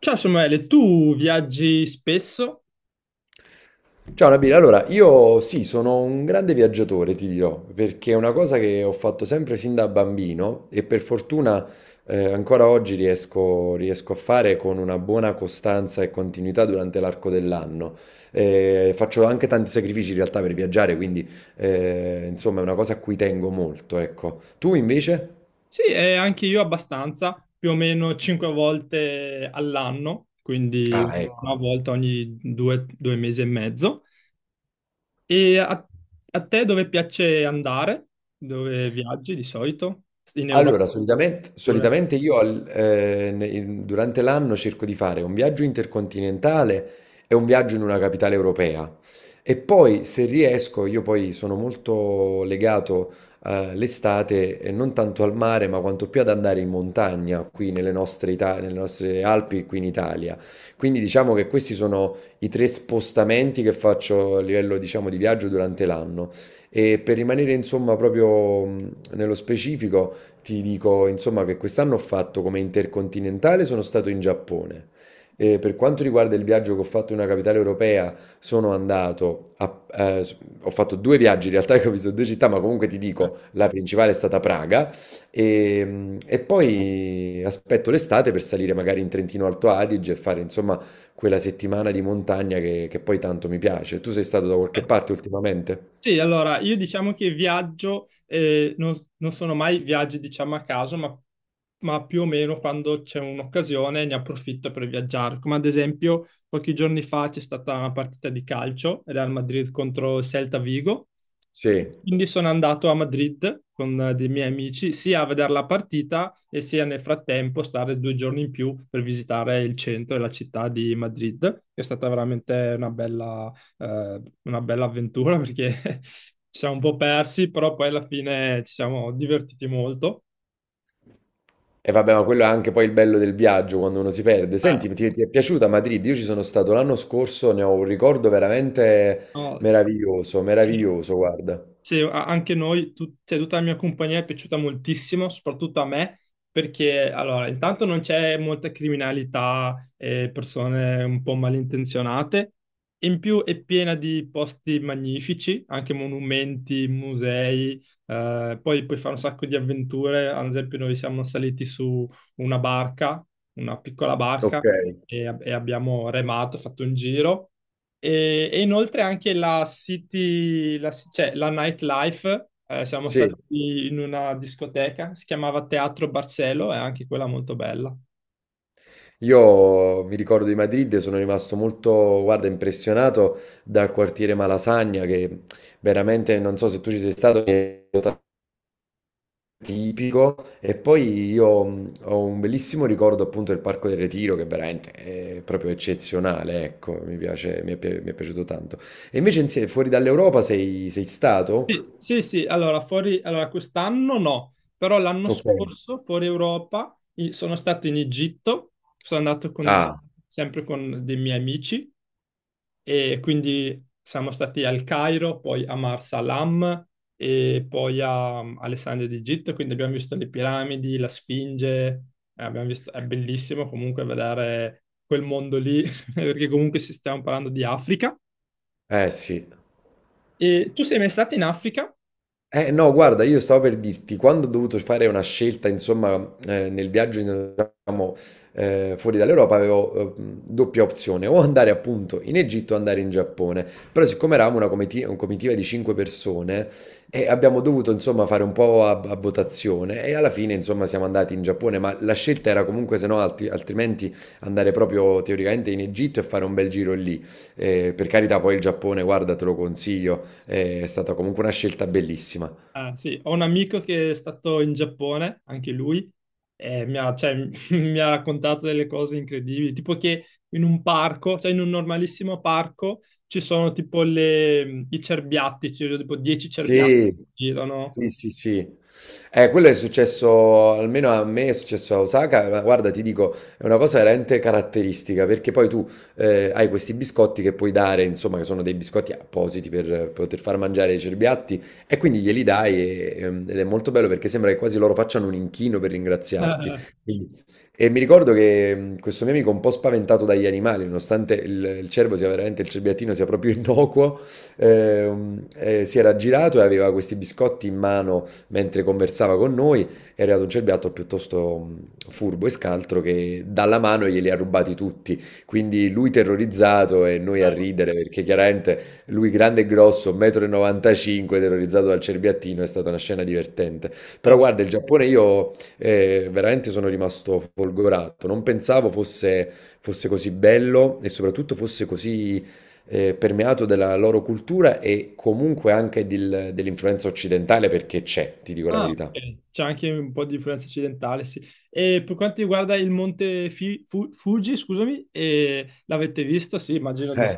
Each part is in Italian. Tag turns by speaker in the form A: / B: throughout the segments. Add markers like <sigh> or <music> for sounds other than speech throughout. A: Ciao Samuele, tu viaggi spesso?
B: Ciao Nabila, allora io sì, sono un grande viaggiatore, ti dirò, perché è una cosa che ho fatto sempre sin da bambino e per fortuna ancora oggi riesco a fare con una buona costanza e continuità durante l'arco dell'anno. Faccio anche tanti sacrifici in realtà per viaggiare, quindi insomma è una cosa a cui tengo molto, ecco. Tu invece?
A: Sì, e anche io abbastanza, più o meno cinque volte all'anno, quindi
B: Ah,
A: una
B: ecco.
A: volta ogni due, due mesi e mezzo. E a te dove piace andare? Dove viaggi di solito? In Europa
B: Allora, solitamente,
A: pure?
B: solitamente io al- ne- in- durante l'anno cerco di fare un viaggio intercontinentale e un viaggio in una capitale europea. E poi, se riesco, io poi sono molto legato all'estate, e non tanto al mare, ma quanto più ad andare in montagna, qui nelle nostre Alpi, qui in Italia. Quindi diciamo che questi sono i tre spostamenti che faccio a livello, diciamo, di viaggio durante l'anno. E per rimanere, insomma, proprio nello specifico. Ti dico, insomma, che quest'anno ho fatto come intercontinentale, sono stato in Giappone. E per quanto riguarda il viaggio che ho fatto in una capitale europea, sono andato ho fatto due viaggi in realtà che ho visto due città, ma comunque ti dico, la principale è stata Praga e poi aspetto l'estate per salire magari in Trentino Alto Adige e fare insomma quella settimana di montagna che poi tanto mi piace. Tu sei stato da
A: Eh.
B: qualche parte ultimamente?
A: Sì, allora io diciamo che viaggio, non sono mai viaggi diciamo a caso, ma più o meno quando c'è un'occasione ne approfitto per viaggiare. Come ad esempio pochi giorni fa c'è stata una partita di calcio, Real Madrid contro Celta Vigo, e
B: Sì.
A: quindi sono andato a Madrid con dei miei amici sia a vedere la partita e sia nel frattempo stare due giorni in più per visitare il centro e la città di Madrid, che è stata veramente una bella avventura perché <laughs> ci siamo un po' persi, però poi alla fine ci siamo divertiti molto.
B: E vabbè, ma quello è anche poi il bello del viaggio quando uno si perde.
A: Eh,
B: Senti, ti è piaciuta Madrid? Io ci sono stato l'anno scorso, ne ho un ricordo veramente
A: no,
B: meraviglioso,
A: sì.
B: meraviglioso, guarda.
A: Sì, anche noi, cioè, tutta la mia compagnia è piaciuta moltissimo, soprattutto a me, perché allora, intanto non c'è molta criminalità e persone un po' malintenzionate, in più è piena di posti magnifici, anche monumenti, musei, poi puoi fare un sacco di avventure, ad esempio noi siamo saliti su una barca, una piccola
B: Ok,
A: barca, e abbiamo remato, fatto un giro. E inoltre anche la city, cioè la nightlife, siamo stati
B: sì.
A: in una discoteca, si chiamava Teatro Barcelo, è anche quella molto bella.
B: Io mi ricordo di Madrid, e sono rimasto molto, guarda, impressionato dal quartiere Malasagna, che veramente, non so se tu ci sei stato, mi è tipico. E poi io ho un bellissimo ricordo appunto del Parco del Retiro, che veramente è proprio eccezionale, ecco, mi piace, mi è piaciuto tanto. E invece fuori dall'Europa sei stato?
A: Sì, sì, sì, allora fuori, allora quest'anno no, però l'anno
B: Ok.
A: scorso fuori Europa sono stato in Egitto, sono andato con,
B: Ah,
A: sempre con dei miei amici e quindi siamo stati al Cairo, poi a Marsalam e poi a Alessandria d'Egitto, quindi abbiamo visto le piramidi, la Sfinge, è bellissimo comunque vedere quel mondo lì, <laughs> perché comunque stiamo parlando di Africa.
B: eh sì.
A: E tu sei mai stato in Africa?
B: Eh no, guarda, io stavo per dirti, quando ho dovuto fare una scelta, insomma, nel viaggio, diciamo, fuori dall'Europa, avevo doppia opzione, o andare appunto in Egitto o andare in Giappone. Però siccome eravamo una comitiva di cinque persone, abbiamo dovuto, insomma, fare un po' a votazione e alla fine, insomma, siamo andati in Giappone, ma la scelta era comunque, se no, altrimenti andare proprio teoricamente in Egitto e fare un bel giro lì. Per carità, poi il Giappone, guarda, te lo consiglio, è stata comunque una scelta bellissima.
A: Ah, sì, ho un amico che è stato in Giappone, anche lui, e mi ha, cioè, <laughs> mi ha raccontato delle cose incredibili, tipo che in un parco, cioè in un normalissimo parco, ci sono tipo i cerbiatti, ci sono tipo 10 cerbiatti
B: Sì,
A: che girano.
B: sì, sì, sì. Quello è successo, almeno a me è successo a Osaka, ma guarda, ti dico, è una cosa veramente caratteristica, perché poi tu hai questi biscotti che puoi dare, insomma, che sono dei biscotti appositi per poter far mangiare ai cerbiatti, e quindi glieli dai ed è molto bello perché sembra che quasi loro facciano un inchino per ringraziarti.
A: <laughs>
B: Quindi- E mi ricordo che questo mio amico un po' spaventato dagli animali, nonostante il cerbiattino sia proprio <laughs> innocuo, eh, si era girato e aveva questi biscotti in mano mentre conversava con noi. È arrivato un cerbiatto piuttosto furbo e scaltro che dalla mano glieli ha rubati tutti. Quindi lui terrorizzato e noi a ridere perché chiaramente lui grande e grosso, 1,95 m, terrorizzato dal cerbiattino, è stata una scena divertente. Però
A: Eh, eh,
B: guarda, il Giappone io veramente sono rimasto folgorato, non pensavo fosse così bello e soprattutto fosse così permeato della loro cultura e comunque anche dell'influenza occidentale perché c'è, ti dico la
A: ah,
B: verità.
A: ok. C'è anche un po' di influenza occidentale, sì. E per quanto riguarda il monte Fuji, scusami, l'avete visto? Sì, immagino di sì.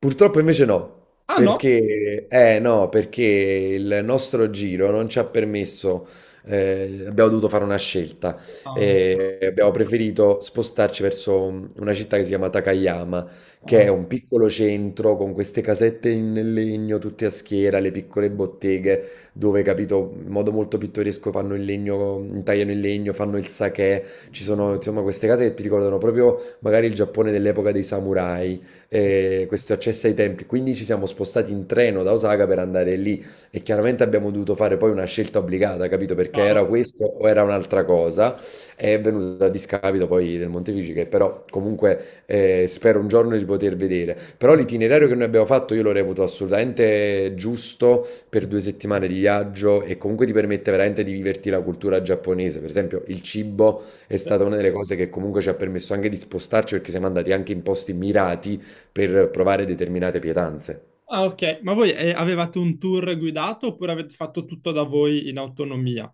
B: Purtroppo invece no,
A: Ah no?
B: perché, no, perché il nostro giro non ci ha permesso, abbiamo dovuto fare una scelta,
A: Ah,
B: abbiamo preferito spostarci verso una città che si chiama Takayama, che è
A: ah,
B: un piccolo centro con queste casette in legno, tutte a schiera, le piccole botteghe, dove, capito, in modo molto pittoresco fanno il legno, intagliano il legno, fanno il sake, ci sono insomma queste case che ti ricordano proprio magari il Giappone dell'epoca dei samurai, questo accesso ai tempi. Quindi ci siamo spostati in treno da Osaka per andare lì e chiaramente abbiamo dovuto fare poi una scelta obbligata, capito? Perché
A: chiaro.
B: era questo o era un'altra cosa. È venuto a discapito poi del Montefici, che però comunque spero un giorno di poter vedere. Però l'itinerario che noi abbiamo fatto io lo reputo assolutamente giusto per 2 settimane di viaggio e comunque ti permette veramente di viverti la cultura giapponese. Per esempio, il cibo è stata una delle cose che comunque ci ha permesso anche di spostarci perché siamo andati anche in posti mirati per provare determinate pietanze.
A: Ah, ok. Ma voi avevate un tour guidato oppure avete fatto tutto da voi in autonomia?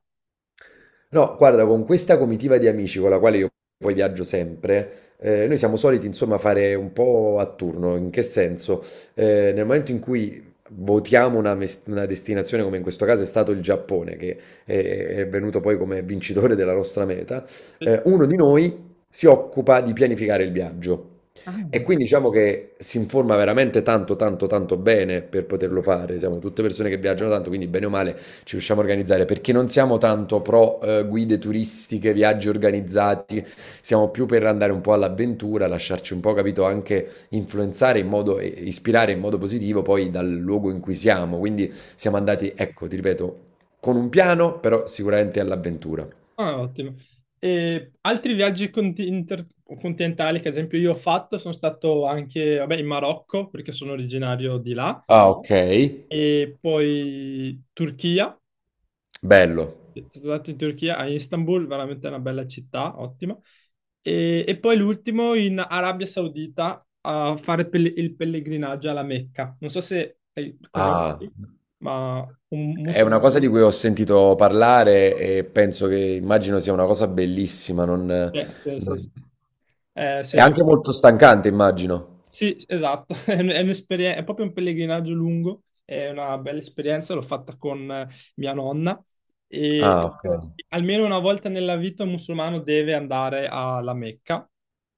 B: No, guarda, con questa comitiva di amici con la quale io poi viaggio sempre, noi siamo soliti insomma fare un po' a turno. In che senso? Nel momento in cui votiamo una destinazione, come in questo caso è stato il Giappone, che è, è venuto poi come vincitore della nostra meta,
A: Sì.
B: uno di noi si occupa di pianificare il viaggio. E
A: Ah.
B: quindi diciamo che si informa veramente tanto, tanto, tanto bene per poterlo fare. Siamo tutte persone che viaggiano tanto, quindi bene o male ci riusciamo a organizzare perché non siamo tanto pro guide turistiche, viaggi organizzati, siamo più per andare un po' all'avventura, lasciarci un po', capito, anche influenzare in modo, e ispirare in modo positivo poi dal luogo in cui siamo. Quindi siamo andati, ecco, ti ripeto, con un piano, però sicuramente all'avventura.
A: Ah, ottimo. E altri viaggi intercontinentali che ad esempio io ho fatto, sono stato anche, vabbè, in Marocco perché sono originario di là
B: Ah, ok.
A: e poi Turchia.
B: Bello.
A: Sono stato in Turchia, a Istanbul, veramente una bella città, ottima. E poi l'ultimo in Arabia Saudita a fare il pellegrinaggio alla Mecca. Non so se
B: Ah.
A: conosci, ma un
B: È una
A: musulmano...
B: cosa di cui ho sentito parlare e penso che immagino sia una cosa bellissima, non,
A: Eh, sì, sì,
B: non-
A: sì.
B: È
A: Sì.
B: anche molto stancante, immagino.
A: Sì, esatto, <laughs> è è è proprio un pellegrinaggio lungo, è una bella esperienza, l'ho fatta con mia nonna e
B: Ah, ok.
A: almeno una volta nella vita un musulmano deve andare alla Mecca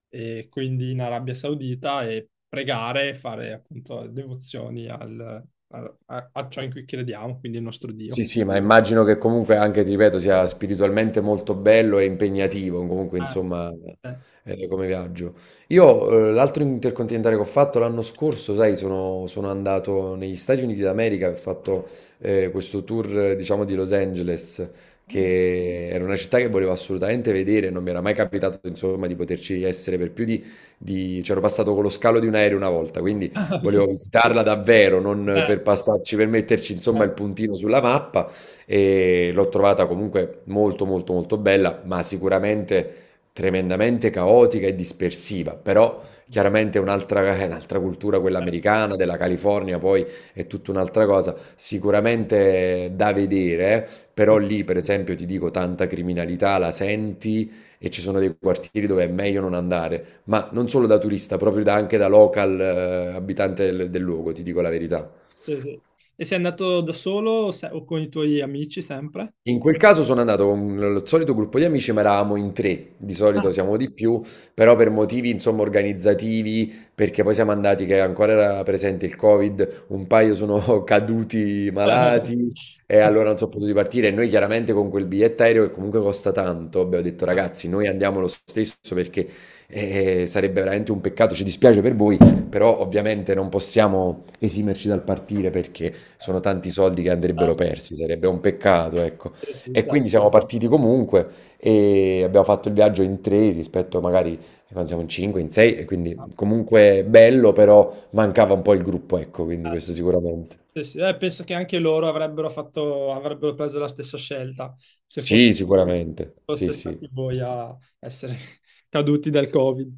A: e quindi in Arabia Saudita e pregare e fare appunto devozioni a ciò in cui crediamo, quindi il nostro
B: Sì,
A: Dio.
B: sì, ma immagino che comunque anche, ti ripeto, sia spiritualmente molto bello e impegnativo, comunque
A: Ah,
B: insomma,
A: eh. <laughs>
B: come viaggio. Io l'altro intercontinentale che ho fatto l'anno scorso, sai, sono andato negli Stati Uniti d'America, ho fatto questo tour, diciamo, di Los Angeles, che era una città che volevo assolutamente vedere, non mi era mai capitato, insomma, di poterci essere per più di… C'ero passato con lo scalo di un aereo una volta, quindi
A: Ah, ok.
B: volevo visitarla davvero, non per passarci, per metterci insomma
A: Eh,
B: il puntino sulla mappa e l'ho trovata comunque molto molto molto bella, ma sicuramente tremendamente caotica e dispersiva, però chiaramente è un'altra <laughs> è un'altra cultura quella americana, della California, poi è tutta un'altra cosa, sicuramente da vedere, eh. Però
A: eh.
B: lì per esempio ti dico tanta criminalità, la senti e ci sono dei quartieri dove è meglio non andare, ma non solo da turista, proprio anche da local, abitante del luogo, ti dico la verità.
A: Sì, sì. E sei andato da solo o o con i tuoi amici sempre?
B: In quel caso sono andato con lo solito gruppo di amici, ma eravamo in 3, di solito
A: Ah.
B: siamo di più, però per motivi insomma organizzativi, perché poi siamo andati che ancora era presente il Covid, un paio sono <laughs> caduti malati e
A: <laughs>
B: allora non sono potuti partire e noi chiaramente con quel biglietto aereo che comunque costa tanto, abbiamo detto
A: Ah,
B: ragazzi, noi andiamo lo stesso perché sarebbe veramente un peccato, ci dispiace per voi, però ovviamente non possiamo esimerci dal partire perché sono
A: certo.
B: tanti soldi che andrebbero persi, sarebbe un peccato, ecco.
A: Sì, sì,
B: E
A: certo.
B: quindi siamo partiti comunque e abbiamo fatto il viaggio in tre rispetto magari quando siamo in cinque, in sei, e quindi comunque bello, però mancava un po' il gruppo, ecco, quindi
A: Ah,
B: questo sicuramente.
A: sì, sì. Penso che anche loro avrebbero fatto, avrebbero preso la stessa scelta se
B: Sì, sicuramente. Sì,
A: foste
B: sì.
A: stati voi a essere <laughs> caduti dal Covid.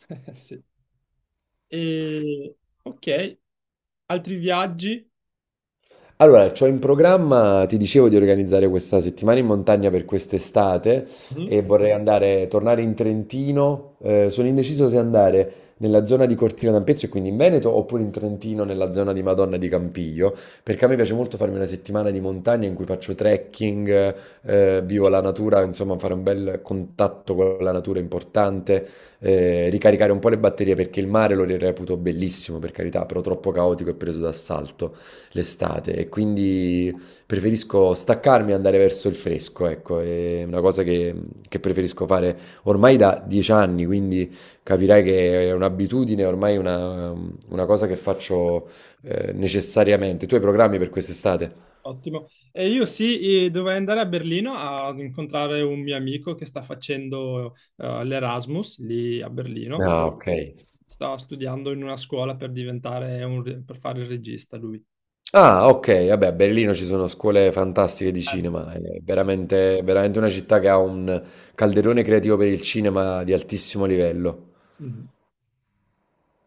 A: <laughs> Sì. E, ok, altri viaggi?
B: Allora, c'ho in programma, ti dicevo di organizzare questa settimana in montagna per quest'estate
A: Mhm.
B: e vorrei andare, tornare in Trentino. Sono indeciso se andare nella zona di Cortina d'Ampezzo e quindi in Veneto oppure in Trentino nella zona di Madonna di Campiglio, perché a me piace molto farmi una settimana di montagna in cui faccio trekking, vivo la natura, insomma fare un bel contatto con la natura è importante, ricaricare un po' le batterie perché il mare lo reputo bellissimo, per carità, però troppo caotico e preso d'assalto l'estate e quindi preferisco staccarmi e andare verso il fresco, ecco, è una cosa che preferisco fare ormai da 10 anni, quindi capirai che è un'abitudine, ormai una cosa che faccio necessariamente. Tu hai programmi per quest'estate?
A: Ottimo. E io sì, dovrei andare a Berlino ad incontrare un mio amico che sta facendo l'Erasmus lì a Berlino.
B: Ah, ok.
A: Sta studiando in una scuola per diventare per fare il regista lui.
B: Ah, ok, vabbè, a Berlino ci sono scuole fantastiche di
A: Eh.
B: cinema, è veramente, veramente una città che ha un calderone creativo per il cinema di altissimo livello.
A: Mhm.